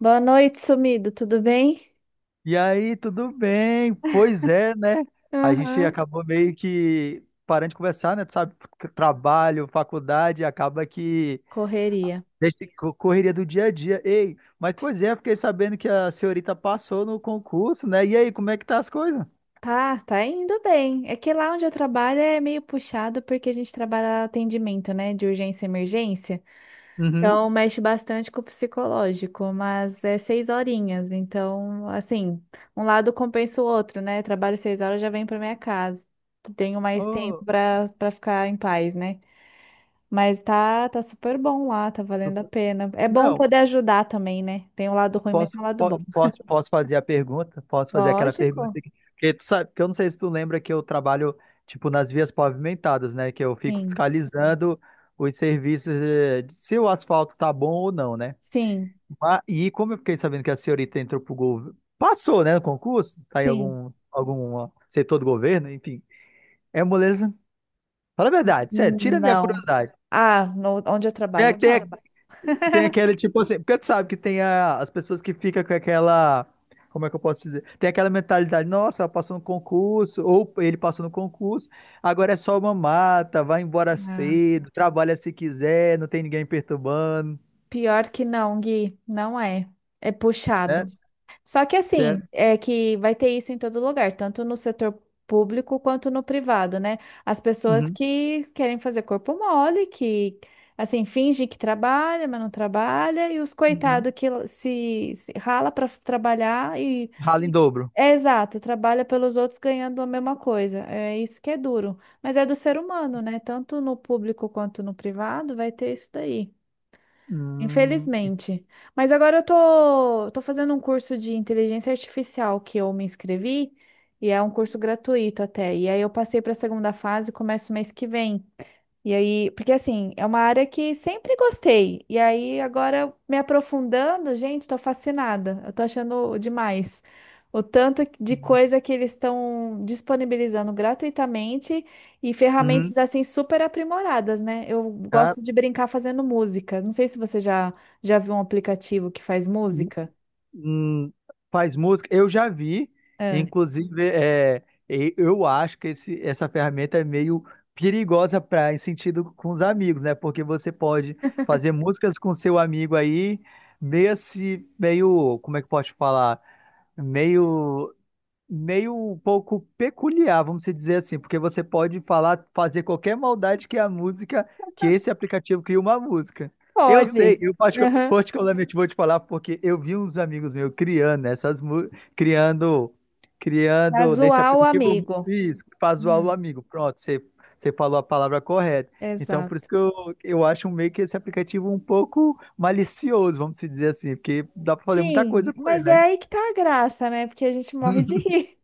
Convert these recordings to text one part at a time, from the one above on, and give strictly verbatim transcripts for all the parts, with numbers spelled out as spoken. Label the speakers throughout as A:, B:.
A: Boa noite, sumido, tudo bem?
B: E aí, tudo bem? Pois é, né? A gente
A: Aham.
B: acabou meio que parando de conversar, né? Tu sabe, trabalho, faculdade, acaba que
A: Correria.
B: deixa co- correria do dia a dia. Ei, mas pois é, fiquei sabendo que a senhorita passou no concurso, né? E aí, como é que tá as coisas?
A: Tá, tá indo bem. É que lá onde eu trabalho é meio puxado porque a gente trabalha atendimento, né, de urgência e emergência.
B: Uhum.
A: Então mexe bastante com o psicológico, mas é seis horinhas. Então, assim, um lado compensa o outro, né? Trabalho seis horas, já venho para minha casa. Tenho mais tempo
B: Oh,
A: para para ficar em paz, né? Mas tá, tá super bom lá, tá valendo a pena. É bom
B: não,
A: poder ajudar também, né? Tem um lado ruim, mas
B: Posso,
A: tem um lado
B: po-
A: bom.
B: posso, posso fazer a pergunta? Posso fazer aquela pergunta
A: Lógico.
B: que, que tu sabe, que eu não sei se tu lembra que eu trabalho tipo nas vias pavimentadas, né? Que eu fico
A: Sim,
B: fiscalizando os serviços eh, de se o asfalto tá bom ou não, né?
A: sim,
B: Ma- E como eu fiquei sabendo que a senhorita entrou pro governo, passou, né, no concurso, tá em
A: sim.
B: algum algum ó, setor do governo, enfim. É moleza. Fala a verdade, sério, tira a minha
A: Não.
B: curiosidade.
A: Ah, no- onde eu
B: Tem,
A: trabalho?
B: tem
A: Não.
B: Tem aquele tipo assim, porque tu sabe que tem a- as pessoas que ficam com aquela, como é que eu posso dizer? Tem aquela mentalidade, nossa, ela passou no concurso, ou ele passou no concurso, agora é só uma mata, vai embora
A: Ah,
B: cedo, trabalha se quiser, não tem ninguém perturbando,
A: pior que não, Gui, não é. É
B: né?
A: puxado. Só que assim,
B: É.
A: é que vai ter isso em todo lugar, tanto no setor público quanto no privado, né? As pessoas
B: Uhum,
A: que querem fazer corpo mole, que assim, finge que trabalha, mas não trabalha, e os
B: uhum.
A: coitados que se, se rala para trabalhar e
B: Rala em dobro.
A: é exato, trabalha pelos outros ganhando a mesma coisa. É isso que é duro. Mas é do ser humano, né? Tanto no público quanto no privado vai ter isso daí.
B: Hum,
A: Infelizmente. Mas agora eu tô, tô fazendo um curso de inteligência artificial que eu me inscrevi e é um curso gratuito até. E aí eu passei para a segunda fase, começo mês que vem. E aí, porque assim, é uma área que sempre gostei. E aí, agora me aprofundando, gente, tô fascinada. Eu tô achando demais. O tanto de coisa que eles estão disponibilizando gratuitamente e
B: uhum.
A: ferramentas assim super aprimoradas, né? Eu
B: Cara,
A: gosto de brincar fazendo música. Não sei se você já já viu um aplicativo que faz
B: hum.
A: música.
B: Hum, faz música. Eu já vi,
A: Ah,
B: inclusive, é, e- eu acho que esse, essa ferramenta é meio perigosa para em sentido com os amigos, né? Porque você pode fazer músicas com seu amigo aí, meio se, meio, como é que pode falar? Meio meio um pouco peculiar, vamos se dizer assim, porque você pode falar, fazer qualquer maldade que é a música, que esse aplicativo cria uma música. Eu
A: pode.
B: sei,
A: Vi.
B: eu particu-
A: Uhum.
B: particularmente vou te falar porque eu vi uns amigos meus criando essas mu- criando
A: Pra
B: criando nesse
A: zoar o
B: aplicativo
A: amigo.
B: isso, faz zoar o
A: Hum,
B: amigo. Pronto, você você falou a palavra correta. Então,
A: exato.
B: por isso que eu, eu acho meio que esse aplicativo um pouco malicioso, vamos se dizer assim, porque dá para fazer muita
A: Sim,
B: coisa com ele,
A: mas é
B: né?
A: aí que tá a graça, né? Porque a gente morre de rir.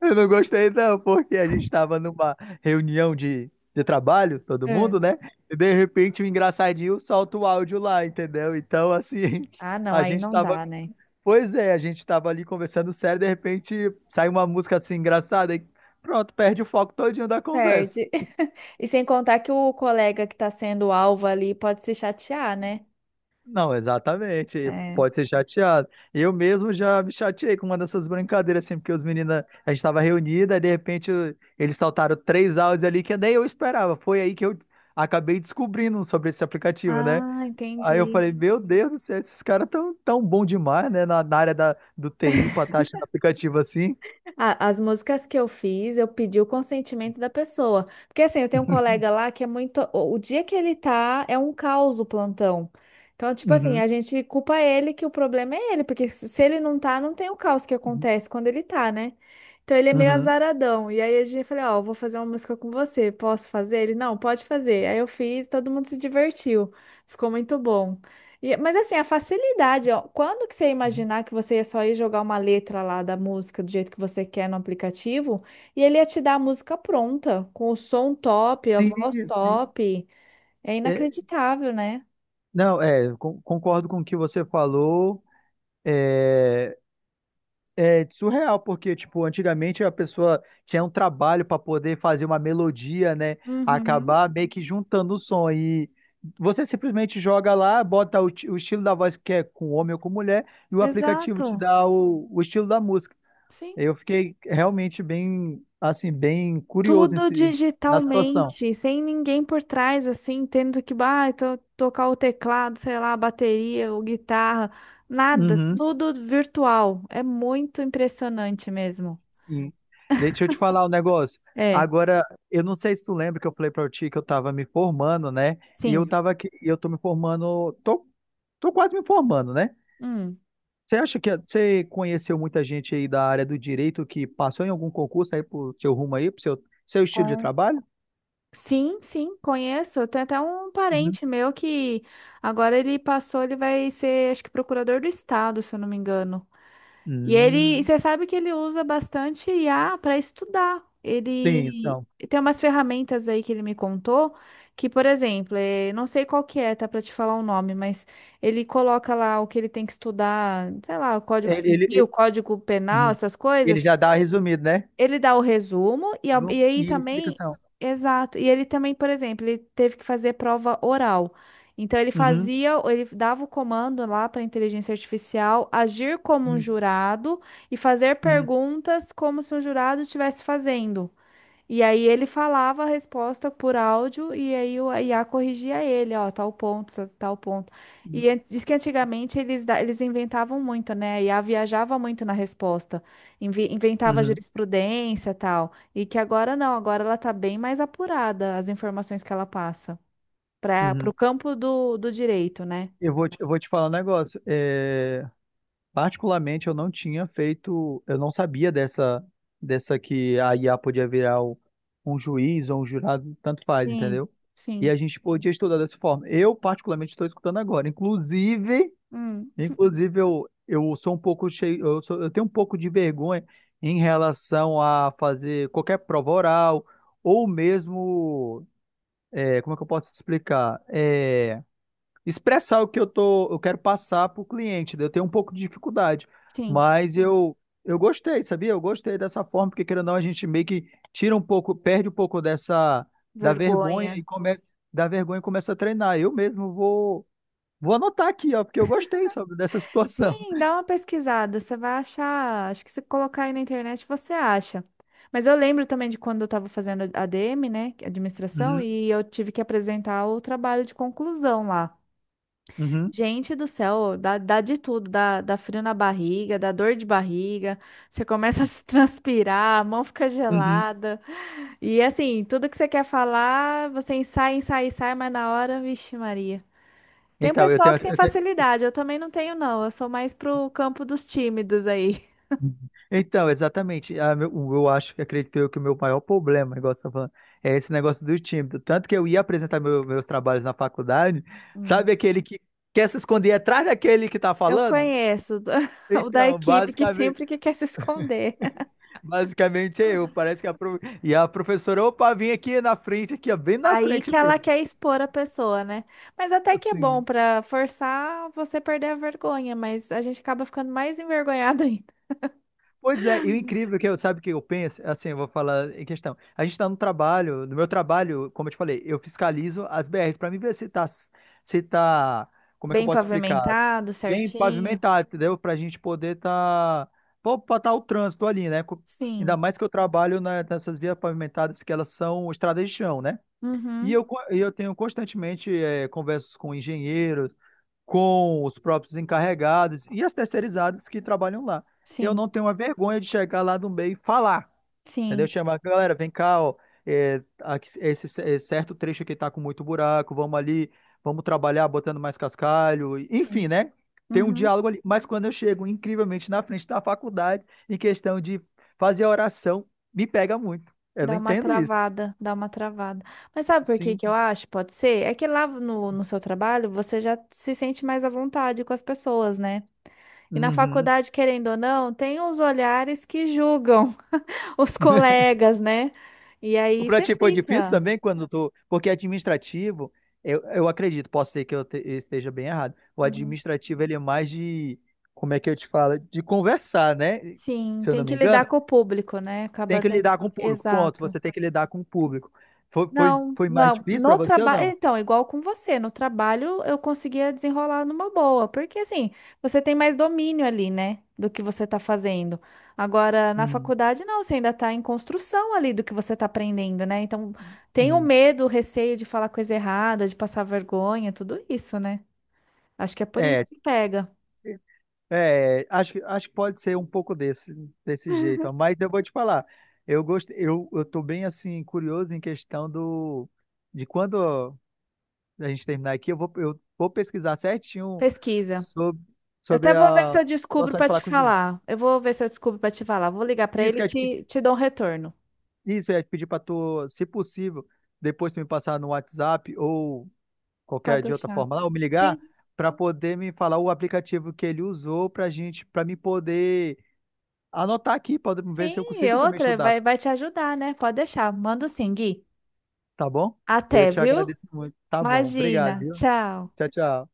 B: Eu não gostei, não, porque a gente estava numa reunião de, de trabalho, todo
A: É.
B: mundo, né? E de repente o engraçadinho solta o áudio lá, entendeu? Então, assim,
A: Ah, não,
B: a
A: aí
B: gente
A: não
B: estava.
A: dá, né?
B: Pois é, a gente estava ali conversando sério, de repente sai uma música assim engraçada e pronto, perde o foco todinho da conversa.
A: Perde. E sem contar que o colega que tá sendo alvo ali pode se chatear, né?
B: Não, exatamente. E
A: É.
B: pode ser chateado. Eu mesmo já me chateei com uma dessas brincadeiras, assim, porque os meninos, a gente estava reunida, e de repente eu- eles saltaram três áudios ali que nem eu esperava. Foi aí que eu acabei descobrindo sobre esse aplicativo, né?
A: Ah,
B: Aí eu
A: entendi.
B: falei, meu Deus do céu, esses caras tão tão bom demais, né? Na, na área da, do T I, pra estar achando aplicativo assim.
A: A- As músicas que eu fiz, eu pedi o consentimento da pessoa. Porque assim, eu tenho um colega lá que é muito. O o dia que ele tá, é um caos o plantão. Então, tipo assim, a gente culpa ele que o problema é ele, porque se se ele não tá, não tem o caos que acontece quando ele tá, né? Então ele é meio
B: Uhum.
A: azaradão. E aí a gente falou, ó, eu vou fazer uma música com você, posso fazer? Ele, não, pode fazer. Aí eu fiz, todo mundo se divertiu. Ficou muito bom. E- mas assim, a facilidade, ó, quando que você ia
B: Uhum.
A: imaginar que você ia só ir jogar uma letra lá da música do jeito que você quer no aplicativo e ele ia te dar a música pronta, com o som top, a
B: Sim,
A: voz
B: sim.
A: top. É
B: É,
A: inacreditável, né?
B: não, é, con- concordo com o que você falou. É, é surreal, porque, tipo, antigamente a pessoa tinha um trabalho para poder fazer uma melodia, né?
A: Uhum,
B: Acabar meio que juntando o som. E você simplesmente joga lá, bota o, ti- o estilo da voz que é com homem ou com mulher, e o aplicativo te
A: exato.
B: dá o, o estilo da música.
A: Sim.
B: Eu fiquei realmente bem, assim, bem curioso em
A: Tudo
B: si- na situação.
A: digitalmente, sem ninguém por trás, assim, tendo que ah, to- tocar o teclado, sei lá, a bateria ou guitarra, nada,
B: Uhum.
A: tudo virtual. É muito impressionante mesmo.
B: Sim. Deixa eu te falar um negócio.
A: É,
B: Agora, eu não sei se tu lembra que eu falei pra ti que eu tava me formando, né? E eu
A: sim.
B: tava aqui, e eu tô me formando, tô, tô, quase me formando, né?
A: Hum.
B: Você acha que você conheceu muita gente aí da área do direito que passou em algum concurso aí pro seu rumo aí, pro seu, seu estilo de
A: Com
B: trabalho?
A: sim, sim, conheço. Tem até um
B: Uhum.
A: parente meu que agora ele passou, ele vai ser, acho que procurador do estado, se eu não me engano. E ele, e
B: Hum,
A: você sabe que ele usa bastante I A para estudar.
B: sim,
A: Ele
B: então.
A: tem umas ferramentas aí que ele me contou, que, por exemplo, eh, não sei qual que é, tá para te falar o nome, mas ele coloca lá o que ele tem que estudar, sei lá, o Código
B: Ele, ele,
A: Civil,
B: ele,
A: Código Penal,
B: Uhum.
A: essas
B: Ele
A: coisas.
B: já dá resumido, né?
A: Ele dá o resumo e, ao-
B: No-
A: e aí
B: E
A: também,
B: explicação.
A: exato. E ele também, por exemplo, ele teve que fazer prova oral. Então ele
B: Uhum.
A: fazia, ele dava o comando lá para a inteligência artificial agir como um
B: Uhum.
A: jurado e fazer
B: Uhum.
A: perguntas como se um jurado estivesse fazendo. E aí ele falava a resposta por áudio e aí o- a I A corrigia ele, ó, tal ponto, tal tal ponto. E an- diz que antigamente eles, da- eles inventavam muito, né? A I A viajava muito na resposta, invi- inventava
B: Uhum.
A: jurisprudência e tal. E que agora não, agora ela tá bem mais apurada as informações que ela passa para
B: Uhum.
A: o campo do, do direito, né?
B: Eu vou te, eu vou te falar um negócio. É, particularmente, eu não tinha feito, eu não sabia dessa, dessa que a I A podia virar o- um juiz ou um jurado, tanto faz,
A: Sim,
B: entendeu? E
A: sim.
B: a gente podia estudar dessa forma. Eu, particularmente, estou escutando agora. Inclusive,
A: Hum,
B: inclusive eu, eu sou um pouco cheio, eu, sou- eu tenho um pouco de vergonha em relação a fazer qualquer prova oral ou mesmo, é, como é que eu posso explicar? Eh, expressar o que eu tô, eu quero passar para o cliente, né? Eu tenho um pouco de dificuldade,
A: sim.
B: mas eu eu gostei, sabia? Eu gostei dessa forma, porque querendo ou não, a gente meio que tira um pouco, perde um pouco dessa da vergonha
A: Vergonha.
B: e começa da vergonha e começa a treinar. Eu mesmo vou vou anotar aqui, ó, porque eu gostei, sabe, dessa situação.
A: Sim, dá uma pesquisada, você vai achar. Acho que se colocar aí na internet você acha. Mas eu lembro também de quando eu estava fazendo A D M, né, administração,
B: Uhum,
A: e eu tive que apresentar o trabalho de conclusão lá.
B: uhum,
A: Gente do céu, dá, dá de tudo, dá, dá frio na barriga, dá dor de barriga, você começa a se transpirar, a mão fica
B: uhum.
A: gelada. E assim, tudo que você quer falar, você ensaia, ensaia, ensaia, mas na hora, vixe, Maria. Tem um
B: Então, eu
A: pessoal
B: tenho,
A: que tem
B: eu tenho
A: facilidade, eu também não tenho, não. Eu sou mais pro campo dos tímidos aí.
B: Uhum. Então, exatamente. A meu- o- Eu acho que acredito eu que o meu maior problema, igual você tá falando, é esse negócio do tímido. Tanto que eu ia apresentar meu- meus trabalhos na faculdade,
A: Hum.
B: sabe aquele que quer se esconder atrás daquele que tá
A: Eu
B: falando?
A: conheço o da
B: Então,
A: equipe que
B: basicamente,
A: sempre que quer se esconder.
B: basicamente é eu. Parece que a, pro- e a professora, opa, vim aqui na frente, aqui, ó, bem na
A: Aí
B: frente
A: que ela
B: mesmo.
A: quer expor a pessoa, né? Mas até que é bom
B: Assim.
A: pra forçar você perder a vergonha, mas a gente acaba ficando mais envergonhada ainda.
B: Pois é, e o incrível que eu, sabe o que eu penso? Assim, eu vou falar em questão. A gente está no trabalho, no meu trabalho, como eu te falei, eu fiscalizo as B Rs para mim ver se tá, se tá, como é que eu
A: Bem
B: posso explicar?
A: pavimentado,
B: Bem
A: certinho.
B: pavimentado, entendeu? Para a gente poder tá, para tá o trânsito ali, né? Co- Ainda
A: Sim.
B: mais que eu trabalho na- nessas vias pavimentadas que elas são estradas de chão, né? E
A: Uhum.
B: eu, co- e eu tenho constantemente eh, conversas com engenheiros, com os próprios encarregados e as terceirizadas que trabalham lá. Eu
A: Sim.
B: não tenho uma vergonha de chegar lá no meio e falar, entendeu?
A: Sim.
B: Chamar, galera, vem cá, ó, é, aqui- esse, esse certo trecho aqui tá com muito buraco, vamos ali, vamos trabalhar botando mais cascalho, e-
A: Sim.
B: enfim, né? Tem um
A: Uhum.
B: diálogo ali. Mas quando eu chego, incrivelmente, na frente da faculdade, em questão de fazer a oração, me pega muito. Eu não
A: Dá uma
B: entendo isso.
A: travada, dá uma travada. Mas sabe por que
B: Sim.
A: que eu acho? Pode ser? É que lá no, no seu trabalho você já se sente mais à vontade com as pessoas, né? E na
B: Uhum.
A: faculdade, querendo ou não, tem os olhares que julgam os colegas, né? E
B: O
A: aí
B: pra
A: você
B: ti foi difícil
A: fica.
B: também quando tu. Porque é administrativo, eu, eu acredito, posso ser que eu te- eu esteja bem errado. O
A: Uhum.
B: administrativo, ele é mais de. Como é que eu te falo? De conversar, né?
A: Sim,
B: Se eu
A: tem
B: não
A: que
B: me
A: lidar
B: engano,
A: com o público, né?
B: tem
A: Acaba
B: que
A: tendo.
B: lidar com o público. Ponto.
A: Exato.
B: Você tem que lidar com o público. Foi, foi,
A: Não,
B: foi mais
A: não.
B: difícil pra
A: No
B: você ou
A: trabalho,
B: não?
A: então, igual com você, no trabalho eu conseguia desenrolar numa boa, porque assim, você tem mais domínio ali, né, do que você está fazendo. Agora, na
B: Hum,
A: faculdade, não, você ainda está em construção ali do que você está aprendendo, né? Então, tem o
B: hum.
A: medo, o receio de falar coisa errada, de passar vergonha, tudo isso, né? Acho que é por isso
B: É,
A: que pega.
B: é, acho, que- acho que pode ser um pouco desse, desse jeito, ó, mas eu vou te falar, eu gosto, eu, eu tô bem assim, curioso em questão do, de quando a gente terminar aqui, eu vou, eu vou pesquisar certinho
A: Pesquisa.
B: sobre,
A: Eu até
B: sobre
A: vou ver se
B: a
A: eu descubro
B: situação de
A: para te
B: falar com o juiz.
A: falar. Eu vou ver se eu descubro para te falar. Vou ligar para
B: Isso
A: ele
B: que
A: e
B: eu ia te
A: te,
B: pedir,
A: te dou um retorno.
B: isso que eu ia te pedir para tu, se possível, depois tu me passar no WhatsApp ou qualquer
A: Pode
B: de outra
A: deixar.
B: forma lá, ou me ligar
A: Sim.
B: para poder me falar o aplicativo que ele usou para gente, para me poder anotar aqui, para ver
A: Sim,
B: se eu
A: e
B: consigo também
A: outra
B: estudar,
A: vai, vai te ajudar, né? Pode deixar. Mando sim, Gui.
B: tá bom? Eu
A: Até,
B: te
A: viu?
B: agradeço muito. Tá bom, obrigado,
A: Imagina.
B: viu?
A: Tchau.
B: Tchau, tchau.